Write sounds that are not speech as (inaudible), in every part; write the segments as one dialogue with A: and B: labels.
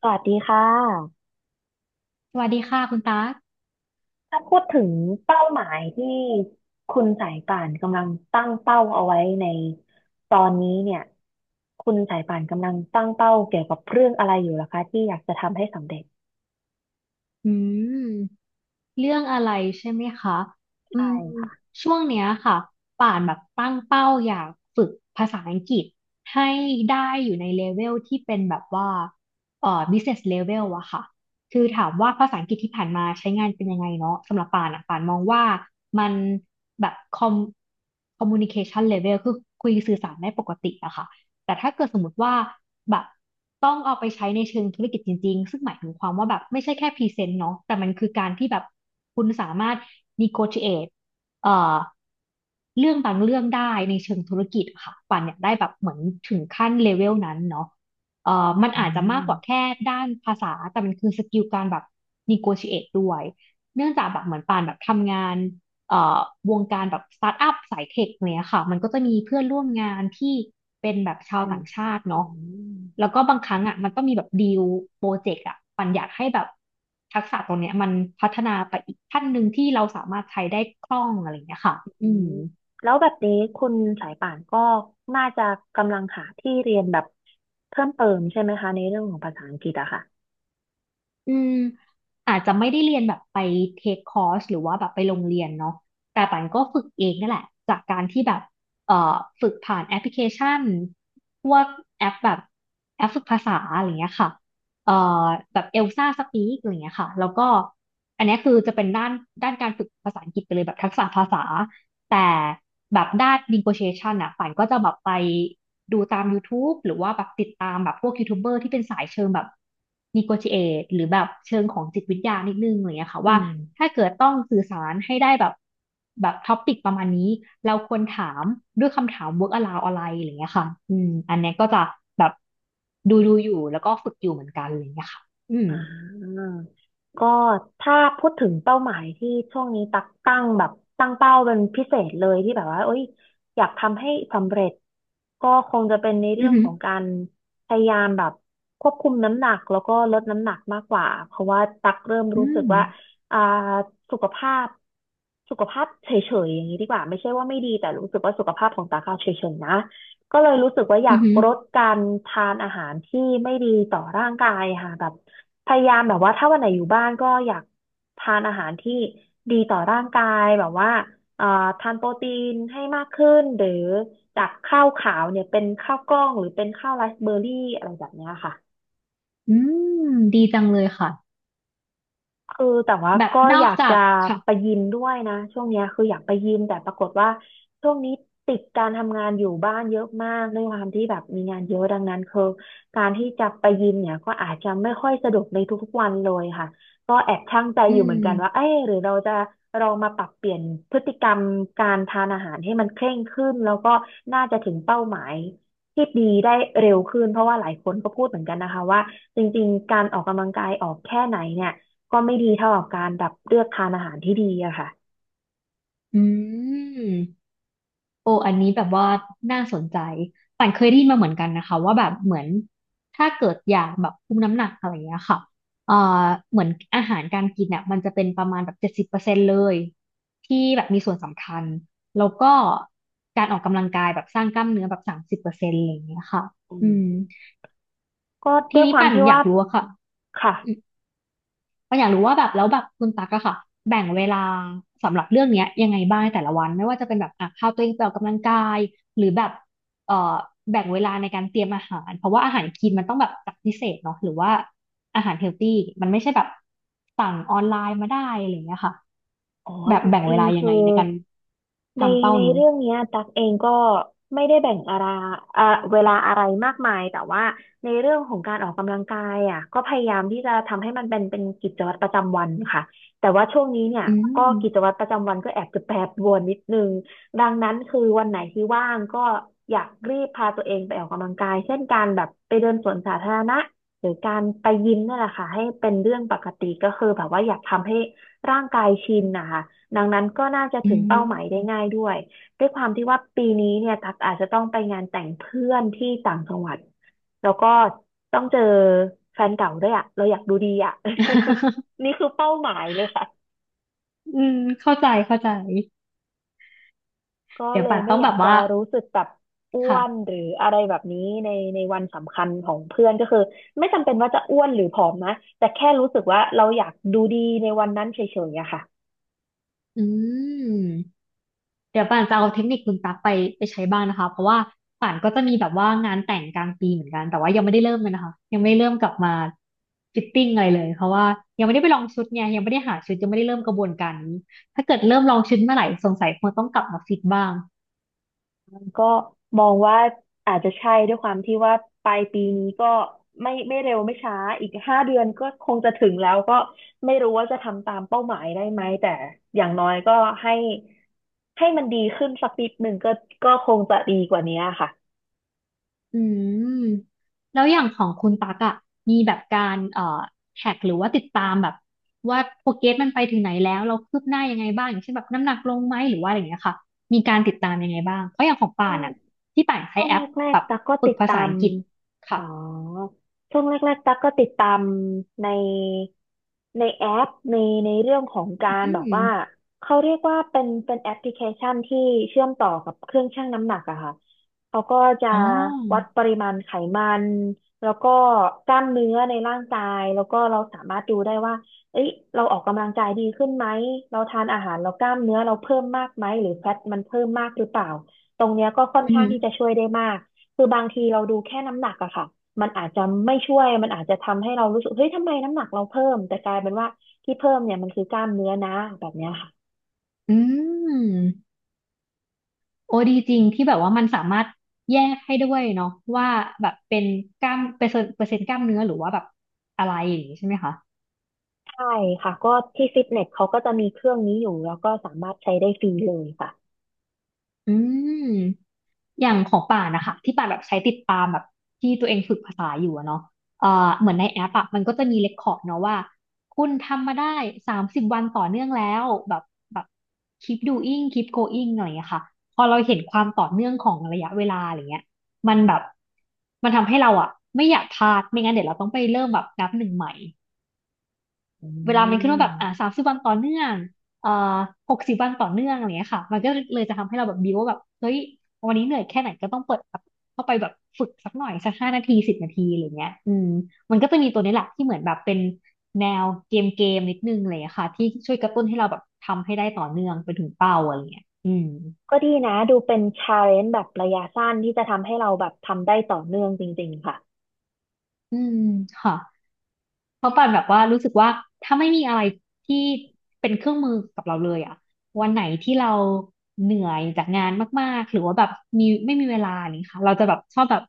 A: สวัสดีค่ะ
B: สวัสดีค่ะคุณตั๊ก
A: ถ้าพูดถึงเป้าหมายที่คุณสายป่านกำลังตั้งเป้าเอาไว้ในตอนนี้เนี่ยคุณสายป่านกำลังตั้งเป้าเกี่ยวกับเรื่องอะไรอยู่ล่ะคะที่อยากจะทำให้สำเร็จ
B: อืมเรื่องอะไรใช่ไหมคะอื
A: ใช่
B: ม
A: ค่ะ
B: ช่วงเนี้ยค่ะป่านแบบตั้งเป้าอยากฝึกภาษาอังกฤษให้ได้อยู่ในเลเวลที่เป็นแบบว่าbusiness level อะค่ะ คือถามว่าภาษาอังกฤษที่ผ่านมาใช้งานเป็นยังไงเนาะสำหรับป่านอะป่านมองว่ามันแบบ communication level คือคุยสื่อสารได้ปกติอะค่ะ แต่ถ้าเกิดสมมติว่าแบบต้องเอาไปใช้ในเชิงธุรกิจจริงๆซึ่งหมายถึงความว่าแบบไม่ใช่แค่พรีเซนต์เนาะแต่มันคือการที่แบบคุณสามารถ negotiate เอ่อเรื่องบางเรื่องได้ในเชิงธุรกิจอะค่ะปันเนี่ยได้แบบเหมือนถึงขั้นเลเวลนั้นเนาะมัน
A: อื
B: อาจจะมากกว่า
A: ม
B: แค่ด้านภาษาแต่มันคือสกิลการแบบ negotiate ด้วยเนื่องจากแบบเหมือนปานแบบทำงาน เอ่อวงการแบบสตาร์ทอัพสายเทคเนี้ยค่ะมันก็จะมีเพื่อนร่วมงานที่เป็นแบบชาว
A: เป็น
B: ต่างชาติ
A: อื
B: เนาะ
A: ม
B: แล้วก็บางครั้งอ่ะมันก็มีแบบดีลโปรเจกต์อ่ะปันอยากให้แบบทักษะตรงเนี้ยมันพัฒนาไปอีกขั้นหนึ่งที่เราสามารถใช้ได้คล่องอะไรอย่างเงี้ยค่ะ
A: อื
B: อืม
A: มแล้วแบบนี้คุณสายป่านก็น่าจะกำลังหาที่เรียนแบบเพิ่มเติมใช่ไหมคะในเรื่องของภาษาอังกฤษอะค่ะ
B: อืมอาจจะไม่ได้เรียนแบบไปเทคคอร์สหรือว่าแบบไปโรงเรียนเนาะแต่ปันก็ฝึกเองนี่นแหละจากการที่แบบเอ่อฝึกผ่านแอปพลิเคชันพวกแอปแบบแอปฝึกภาษาอะไรเงี้ยค่ะเอ่อแบบเอลซ่าสปีกอะไรเงี้ยค่ะแล้วก็อันเนี้ยคือจะเป็นด้านการฝึกภาษาอังกฤษไปเลยแบบทักษะภาษา แต่แบบด้าน negotiation อ่ะป่านก็จะแบบไปดูตาม YouTube หรือว่าแบบติดตามแบบพวกยูทูบเบอร์ที่เป็นสายเชิงแบบ negotiate หรือแบบเชิงของจิตวิทยานิดนึงอะไรเงี้ยค่ะ
A: อื
B: ว่า
A: ม
B: ถ้าเกิดต้องสื่อสารให้ได้แบบแบบท็อปิกประมาณนี้เราควรถามด้วยคำถาม work around อะไรอะไรเงี้ยค่ะอืมอันเนี้ยก็จะแบบดูอยู่แล้วก็ฝึกอยู่เหมือนกันอะไรเงี้ยค่ะอืม
A: อ่าก็ถ้าพูดถึงเป้าหมายที่ช่วงนี้ตักตั้งแบบตั้งเป้าเป็นพิเศษเลยที่แบบว่าเอ้ยอยากทำให้สำเร็จก็คงจะเป็นในเรื่
B: อื
A: อ
B: อ
A: ง
B: หื
A: ข
B: อ
A: องการพยายามแบบควบคุมน้ำหนักแล้วก็ลดน้ำหนักมากกว่าเพราะว่าตักเริ่ม
B: อื
A: รู้สึก
B: ม
A: ว่าอ่าสุขภาพสุขภาพเฉยๆอย่างนี้ดีกว่าไม่ใช่ว่าไม่ดีแต่รู้สึกว่าสุขภาพของตักอะเฉยๆนะ ก็เลยรู้สึกว่าอยา
B: อื
A: ก
B: อหือ
A: ลดการทานอาหารที่ไม่ดีต่อร่างกายค่ะแบบพยายามแบบว่าถ้าวันไหนอยู่บ้านก็อยากทานอาหารที่ดีต่อร่างกายแบบว่าเอ่อทานโปรตีนให้มากขึ้นหรือจากข้าวขาวเนี่ยเป็นข้าวกล้องหรือเป็นข้าวไรซ์เบอร์รี่อะไรแบบเนี้ยค่ะ
B: อืมดีจังเลยค่ะ
A: คือแต่ว่า
B: แบบ
A: ก็
B: น
A: อ
B: อก
A: ยาก
B: จา
A: จะ
B: กค่ะ
A: ไปยิมด้วยนะช่วงเนี้ยคืออยากไปยิมแต่ปรากฏว่าช่วงนี้ติดการทำงานอยู่บ้านเยอะมากด้วยความที่แบบมีงานเยอะดังนั้นคือการที่จะไปยิมเนี่ยก็อาจจะไม่ค่อยสะดวกในทุกๆวันเลยค่ะก็แอบชั่งใจ
B: อื
A: อยู่เหมือนกันว่า
B: ม
A: เอ๊ะหรือเราจะลองมาปรับเปลี่ยนพฤติกรรมการทานอาหารให้มันเคร่งขึ้นแล้วก็น่าจะถึงเป้าหมายที่ดีได้เร็วขึ้นเพราะว่าหลายคนก็พูดเหมือนกันนะคะว่าจริงๆการออกกำลังกายออกแค่ไหนเนี่ย ก็ไม่ดีเท่ากับการแบบเลือกทานอาหารที่ดีอะค่ะ
B: อืมโอ้อันนี้แบบว่าน่าสนใจป่านเคยได้ยินมาเหมือนกันนะคะว่าแบบเหมือนถ้าเกิดอยากแบบคุมน้ำหนักอะไรอย่างเงี้ยค่ะเอ่อเหมือนอาหารการกินเนี่ยมันจะเป็นประมาณแบบ70%เลยที่แบบมีส่วนสำคัญแล้วก็การออกกำลังกายแบบสร้างกล้ามเนื้อแบบ30%อะไรอย่างเงี้ยค่ะ
A: อื
B: อื
A: ม
B: ม
A: ก็
B: ที
A: ด้วยค
B: นี้
A: วาม
B: ป่าน
A: ที่
B: อยา
A: ว่า
B: กรู้อะค่ะ
A: ค่ะ
B: ก็อยากรู้ว่าแบบแล้วแบบคุณตั๊กอะค่ะแบ่งเวลาสำหรับเรื่องเนี้ยยังไงบ้างในแต่ละวันไม่ว่าจะเป็นแบบอ่ะพาตัวเองไปออกกำลังกายหรือแบบเอ่อแบ่งเวลาในการเตรียมอาหารเพราะว่าอาหารคลีนมันต้องแบบจัดพิเศษเนาะหรือว่าอาหารเฮลตี้มันไม่ใช่แบบสั่งออนไลน์มาได้อะไรอย่างเงี้ยค่ะ
A: อ๋อ
B: แบบ
A: จ
B: แบ่ง
A: ริ
B: เว
A: ง
B: ลา
A: ๆ
B: ยั
A: คื
B: ง
A: อ
B: ไงในการ
A: ใน
B: ทำเป้า
A: ใน
B: นี้
A: เรื่องเนี้ยตักเองก็ไม่ได้แบ่งอะไรอ่าเวลาอะไรมากมายแต่ว่าในเรื่องของการออกกำลังกายอ่ะก็พยายามที่จะทำให้มันเป็นกิจวัตรประจำวันค่ะแต่ว่าช่วงนี้เนี่ย
B: อื
A: ก็
B: ม
A: กิจวัตรประจำวันก็แอบจะแปรปรวนนิดนึงดังนั้นคือวันไหนที่ว่างก็อยากรีบพาตัวเองไปออกกำลังกายเช่นการแบบไปเดินสวนสาธารณะหรือการไปยิมนี่ยแหละค่ะให้เป็นเรื่องปกติก็คือแบบว่าอยากทำให้ ร่างกายชินนะคะดังนั้นก็น่าจะ
B: อื
A: ถึงเป้าหมายได้
B: ม
A: ง่ายด้วยด้วยความที่ว่าปีนี้เนี่ยตักอาจจะต้องไปงานแต่งเพื่อนที่ต่างจังหวัดแล้วก็ต้องเจอแฟนเก่าด้วยอ่ะเราอยากดูดีอ่ะ
B: (laughs)
A: (laughs) นี่คือเป้าหมายเลยค่ะ
B: อืมเข้าใจเข้าใจ
A: ก็
B: เดี๋ยว
A: เลย
B: ป่าน
A: ไม่
B: ต้อง
A: อ
B: แบ
A: ยาก
B: บ
A: จะ
B: ว่า
A: รู้สึกแบบอ้ว
B: ค่ะ
A: นหรืออะไรแบบนี้ในในวันสำคัญของเพื่อนก็คือไม่จำเป็นว่าจะอ้วนหรือผอมนะแต่แค่รู้สึกว่าเราอยากดูดีในวันนั้นเฉยๆอะค่ะ
B: อืม เดี๋ยวป่านจะเอาเทคนิคคุณตั๊กไปใช้บ้างนะคะเพราะว่าป่านก็จะมีแบบว่างานแต่งกลางปีเหมือนกันแต่ว่ายังไม่ได้เริ่มเลยนะคะยังไม่ได้เริ่มกลับมาฟิตติ้งอะไรเลยเพราะว่ายังไม่ได้ไปลองชุดไงยังไม่ได้หาชุดยังไม่ได้เริ่มกระบวนการนี้ถ้าเกิดเริ่มลองชุดเมื่อไหร่สงสัยคงต้องกลับมาฟิตบ้าง
A: ก็มองว่าอาจจะใช่ด้วยความที่ว่าปลายปีนี้ก็ไม่ไม่เร็วไม่ช้าอีก5 เดือนก็คงจะถึงแล้วก็ไม่รู้ว่าจะทำตามเป้าหมายได้ไหมแต่อย่างน้อยก็ให้ให้มันดีขึ้นสักนิดหนึ่งก็ก็คงจะดีกว่านี้ค่ะ
B: อืมแล้วอย่างของคุณตักอะมีแบบการแท็กหรือว่าติดตามแบบว่าโปรเกรสมันไปถึงไหนแล้วเราคืบหน้ายังไงบ้างอย่างเช่นแบบน้ำหนักลงไหมหรือว่าอะไรอย่างเงี้ยค่ะมีการติดตามยังไงบ้างเพราะอย่างของ
A: ค
B: ป่า
A: ง
B: นอะที่ป่านใช้
A: ช่วง
B: แอป
A: แรก
B: แบบ
A: ๆตั๊กก็
B: ฝึ
A: ติ
B: ก
A: ด
B: ภา
A: ตา
B: ษา
A: ม
B: อังกฤษ
A: อ๋
B: ค่ะ
A: อช่วงแรกๆตั๊กก็ติดตามในในแอปในเรื่องของการ
B: อื
A: แบบ
B: ม
A: ว่าเขาเรียกว่าเป็นแอปพลิเคชันที่เชื่อมต่อกับเครื่องชั่งน้ำหนักอะค่ะเขาก็จะ
B: อ๋อ
A: วัดปริมาณไขมันแล้วก็กล้ามเนื้อในร่างกายแล้วก็เราสามารถดูได้ว่าเอ้ยเราออกกำลังกายดีขึ้นไหมเราทานอาหารเรากล้ามเนื้อเราเพิ่มมากไหมหรือแฟตมันเพิ่มมากหรือเปล่า ตรงเนี้ยก็ค่อน
B: อื
A: ข้างที่จะ
B: ม
A: ช่วยได้มาก คือบางทีเราดูแค่น้ำหนักอะค่ะ มันอาจจะไม่ช่วย มันอาจจะทำให้เรารู้สึกเฮ้ยทำไมน้ำหนักเราเพิ่มแต่กลายเป็นว่าที่เพิ่มเนี่ยมันคือกล้ามเนื้อนะแบบเนี้ยค่ะ
B: อืมโอ้ดีจริงที่แบบว่ามันสามารถแยกให้ด้วยเนาะว่าแบบเป็นกล้ามเปอร์เซ็นต์กล้ามเนื้อหรือว่าแบบอะไรอย่างงี้ใช่ไหมคะ
A: ใช่ค่ะก็ที่ฟิตเนสเขาก็จะมีเครื่องนี้อยู่แล้วก็สามารถใช้ได้ฟรีเลยค่ะ
B: อืม อย่างของป่านนะคะที่ป่านแบบใช้ติดตามแบบที่ตัวเองฝึกภาษาอยู่อะเนาะเอ่อเหมือนในแอปอะมันก็จะมีเรคคอร์ดเนาะว่าคุณทำมาได้สามสิบวันต่อเนื่องแล้วแบบ keep doing keep going อะไรอย่างเงี้ยค่ะพอเราเห็นความต่อเนื่องของระยะเวลาอะไรเงี้ยมันแบบมันทำให้เราอะไม่อยากพลาดไม่งั้นเดี๋ยวเราต้องไปเริ่มแบบนับหนึ่งใหม่
A: อื
B: เวลามันขึ้นว่าแบบ
A: ม
B: สามสิบวันต่อเนื่องเอ่อ60วันต่อเนื่องอะไรเงี้ยค่ะมันก็เลยจะทำให้เราแบบบิวว่าแบบเฮ้ยวันนี้เหนื่อยแค่ไหนก็ต้องเปิดแบบเข้าไปแบบฝึกสักหน่อยสัก5นาทีสิบนาทีอะไรเงี้ยอืมมันก็จะมีตัวนี้แหละที่เหมือนแบบเป็นแนวเกมนิดนึงอะไรเลยค่ะที่ช่วยกระตุ้นให้เราแบบทำให้ได้ต่อเนื่องไปถึงเป้าอะไรเงี้ยอืม
A: ก็ดีนะดูเป็นชาเลนจ์แบบระยะสั้นที่จะทำให้เราแบบทำได้ต่อเนื่องจริงๆค่ะ
B: อืมค่ะ เพราะป่านแบบว่ารู้สึกว่าถ้าไม่มีอะไรที่เป็นเครื่องมือกับเราเลยอะวันไหนที่เราเหนื่อยจากงานมากๆหรือว่าแบบไม่มีเวลานี่ค่ะเราจะแบบชอบแบบ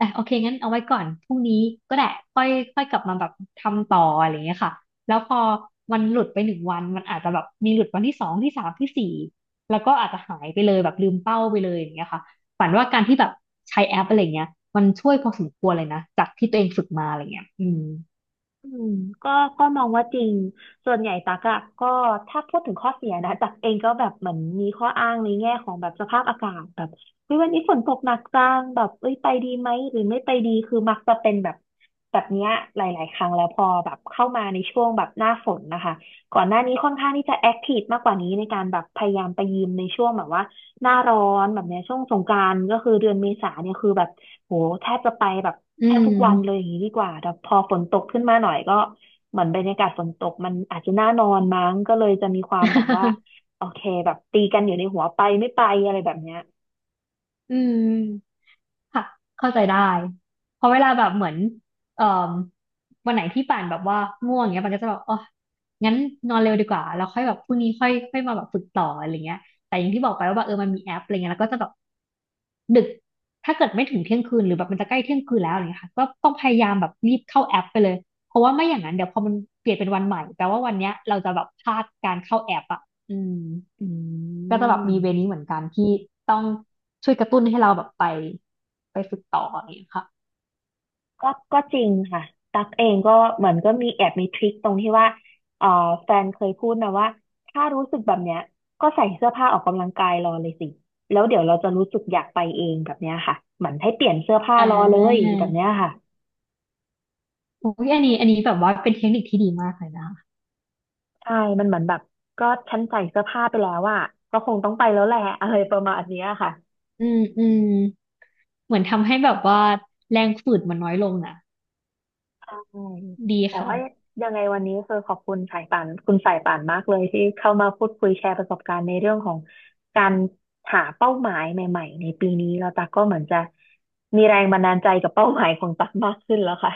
B: อ่ะโอเคงั้นเอาไว้ก่อนพรุ่งนี้ก็ได้ค่อยค่อยกลับมาแบบทำต่ออะไรอย่างเงี้ยค่ะแล้วพอมันหลุดไปหนึ่งวันมันอาจจะแบบมีหลุดวันที่สองที่สามที่สี่แล้วก็อาจจะหายไปเลยแบบลืมเป้าไปเลยอย่างเงี้ยค่ะฝันว่าการที่แบบใช้แอปอะไรเงี้ยมันช่วยพอสมควรเลยนะจากที่ตัวเองฝึกมาอะไรเงี้ยอืม
A: อืมก็ก็มองว่าจริงส่วนใหญ่ตักอะก็ถ้าพูดถึงข้อเสียนะตักเองก็แบบเหมือนมีข้ออ้างในแง่ของแบบสภาพอากาศแบบเฮ้ยวันนี้ฝนตกหนักจังแบบเอ้ยไปดีไหมหรือไม่ไปดีคือมักจะเป็นแบบแบบเนี้ยหลายๆครั้งแล้วพอแบบเข้ามาในช่วงแบบหน้าฝนนะคะก่อนหน้านี้ค่อนข้างที่จะแอคทีฟมากกว่านี้ในการแบบพยายามไปยิมในช่วงแบบว่าหน้าร้อนแบบเนี้ยช่วงสงกรานต์ก็คือเดือนเมษาเนี่ยคือแบบ โหแทบจะไปแบบ
B: อื
A: แทบทุกวันเลยอ
B: ม
A: ย่างนี้ดีกว่าแต่พอฝนตกขึ้นมาหน่อยก็เหมือนบรรยากาศฝนตกมันอาจจะน่านอนมั้งก็เลยจะมีความแบบว่า
B: (laughs)
A: โอเคแบบตีกันอยู่ในหัวไปไม่ไปอะไรแบบเนี้ย
B: อืมค่ะเข้าใจได้ เพราะเวลาแบบเหมือนเอ่อวันไหนที่ป่านแบบว่าง่วงเงี้ยป่านก็จะแบบอ๋องั้นนอนเร็วดีกว่าแล้วค่อยแบบพรุ่งนี้ค่อยค่อยมาแบบฝึกต่ออะไรเงี้ยแต่อย่างที่บอกไปว่าแบบเออมันมีแอปอะไรเงี้ยแล้วก็จะแบบดึกถ้าเกิดไม่ถึงเที่ยงคืนหรือแบบมันจะใกล้เที่ยงคืนแล้วอะไรเงี้ยค่ะก็ต้องพยายามแบบรีบเข้าแอปไปเลยเพราะว่าไม่อย่างนั้นเดี๋ยวพอมันเปลี่ยนเป็นวันใหม่แปลว่าวันเนี้ยเราจะแบบพลาดการเข้าแอปอ่ะอืม
A: อื
B: ก็จะแบบ
A: ม
B: มีเวนี้เหมือนกันที่ต้องช่วยกระตุ้นให้เราแบบไปฝึกต่ออย่างเงี้ยค่ะ
A: ก็ก็จริงค่ะตั๊กเองก็เหมือนก็มีแอบมีทริคตรงที่ว่าเอ่อแฟนเคยพูดนะว่าถ้ารู้สึกแบบเนี้ยก็ใส่เสื้อผ้าออกกำลังกายรอเลยสิแล้วเดี๋ยวเราจะรู้สึกอยากไปเองแบบเนี้ยค่ะเหมือนให้เปลี่ยนเสื้อผ้า
B: อ่
A: รอเลย
B: า
A: แบบเนี้ยค่ะ
B: โอ้ยอันนี้แบบว่าเป็นเทคนิคที่ดีมากเลยนะคะ
A: ใช่มันเหมือนแบบก็ฉันใส่เสื้อผ้าไปแล้วอะก็คงต้องไปแล้วแหละ (laughs) อะไรประมาณเนี้ยค่ะ
B: อืมอืมเหมือนทำให้แบบว่าแรงฝืดมันน้อยลงนะ
A: ใช่
B: ดี
A: แต่
B: ค่ะ
A: ว่ายังไงวันนี้คือขอบคุณสายป่านคุณสายป่านมากเลยที่เข้ามาพูดคุยแชร์ประสบการณ์ในเรื่องของการหาเป้าหมายใหม่ๆในปีนี้เราตักก็เหมือนจะมีแรงบันดาลใจกับเป้าหมายของตักมากขึ้นแล้วค่ะ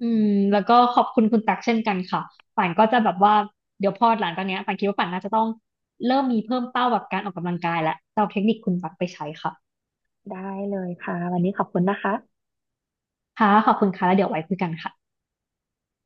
B: อืมแล้วก็ขอบคุณคุณตักเช่นกันค่ะป่านก็จะแบบว่าเดี๋ยวพอหลังจากเนี้ยป่านคิดว่าป่านน่าจะต้องเริ่มมีเพิ่มเป้าแบบการออกกำลังกายและจะเอาเทคนิคคุณตักไปใช้ค่ะ
A: ได้เลยค่ะวันนี้ขอบคุณนะคะ
B: ค่ะขอบคุณค่ะแล้วเดี๋ยวไว้คุยกันค่ะ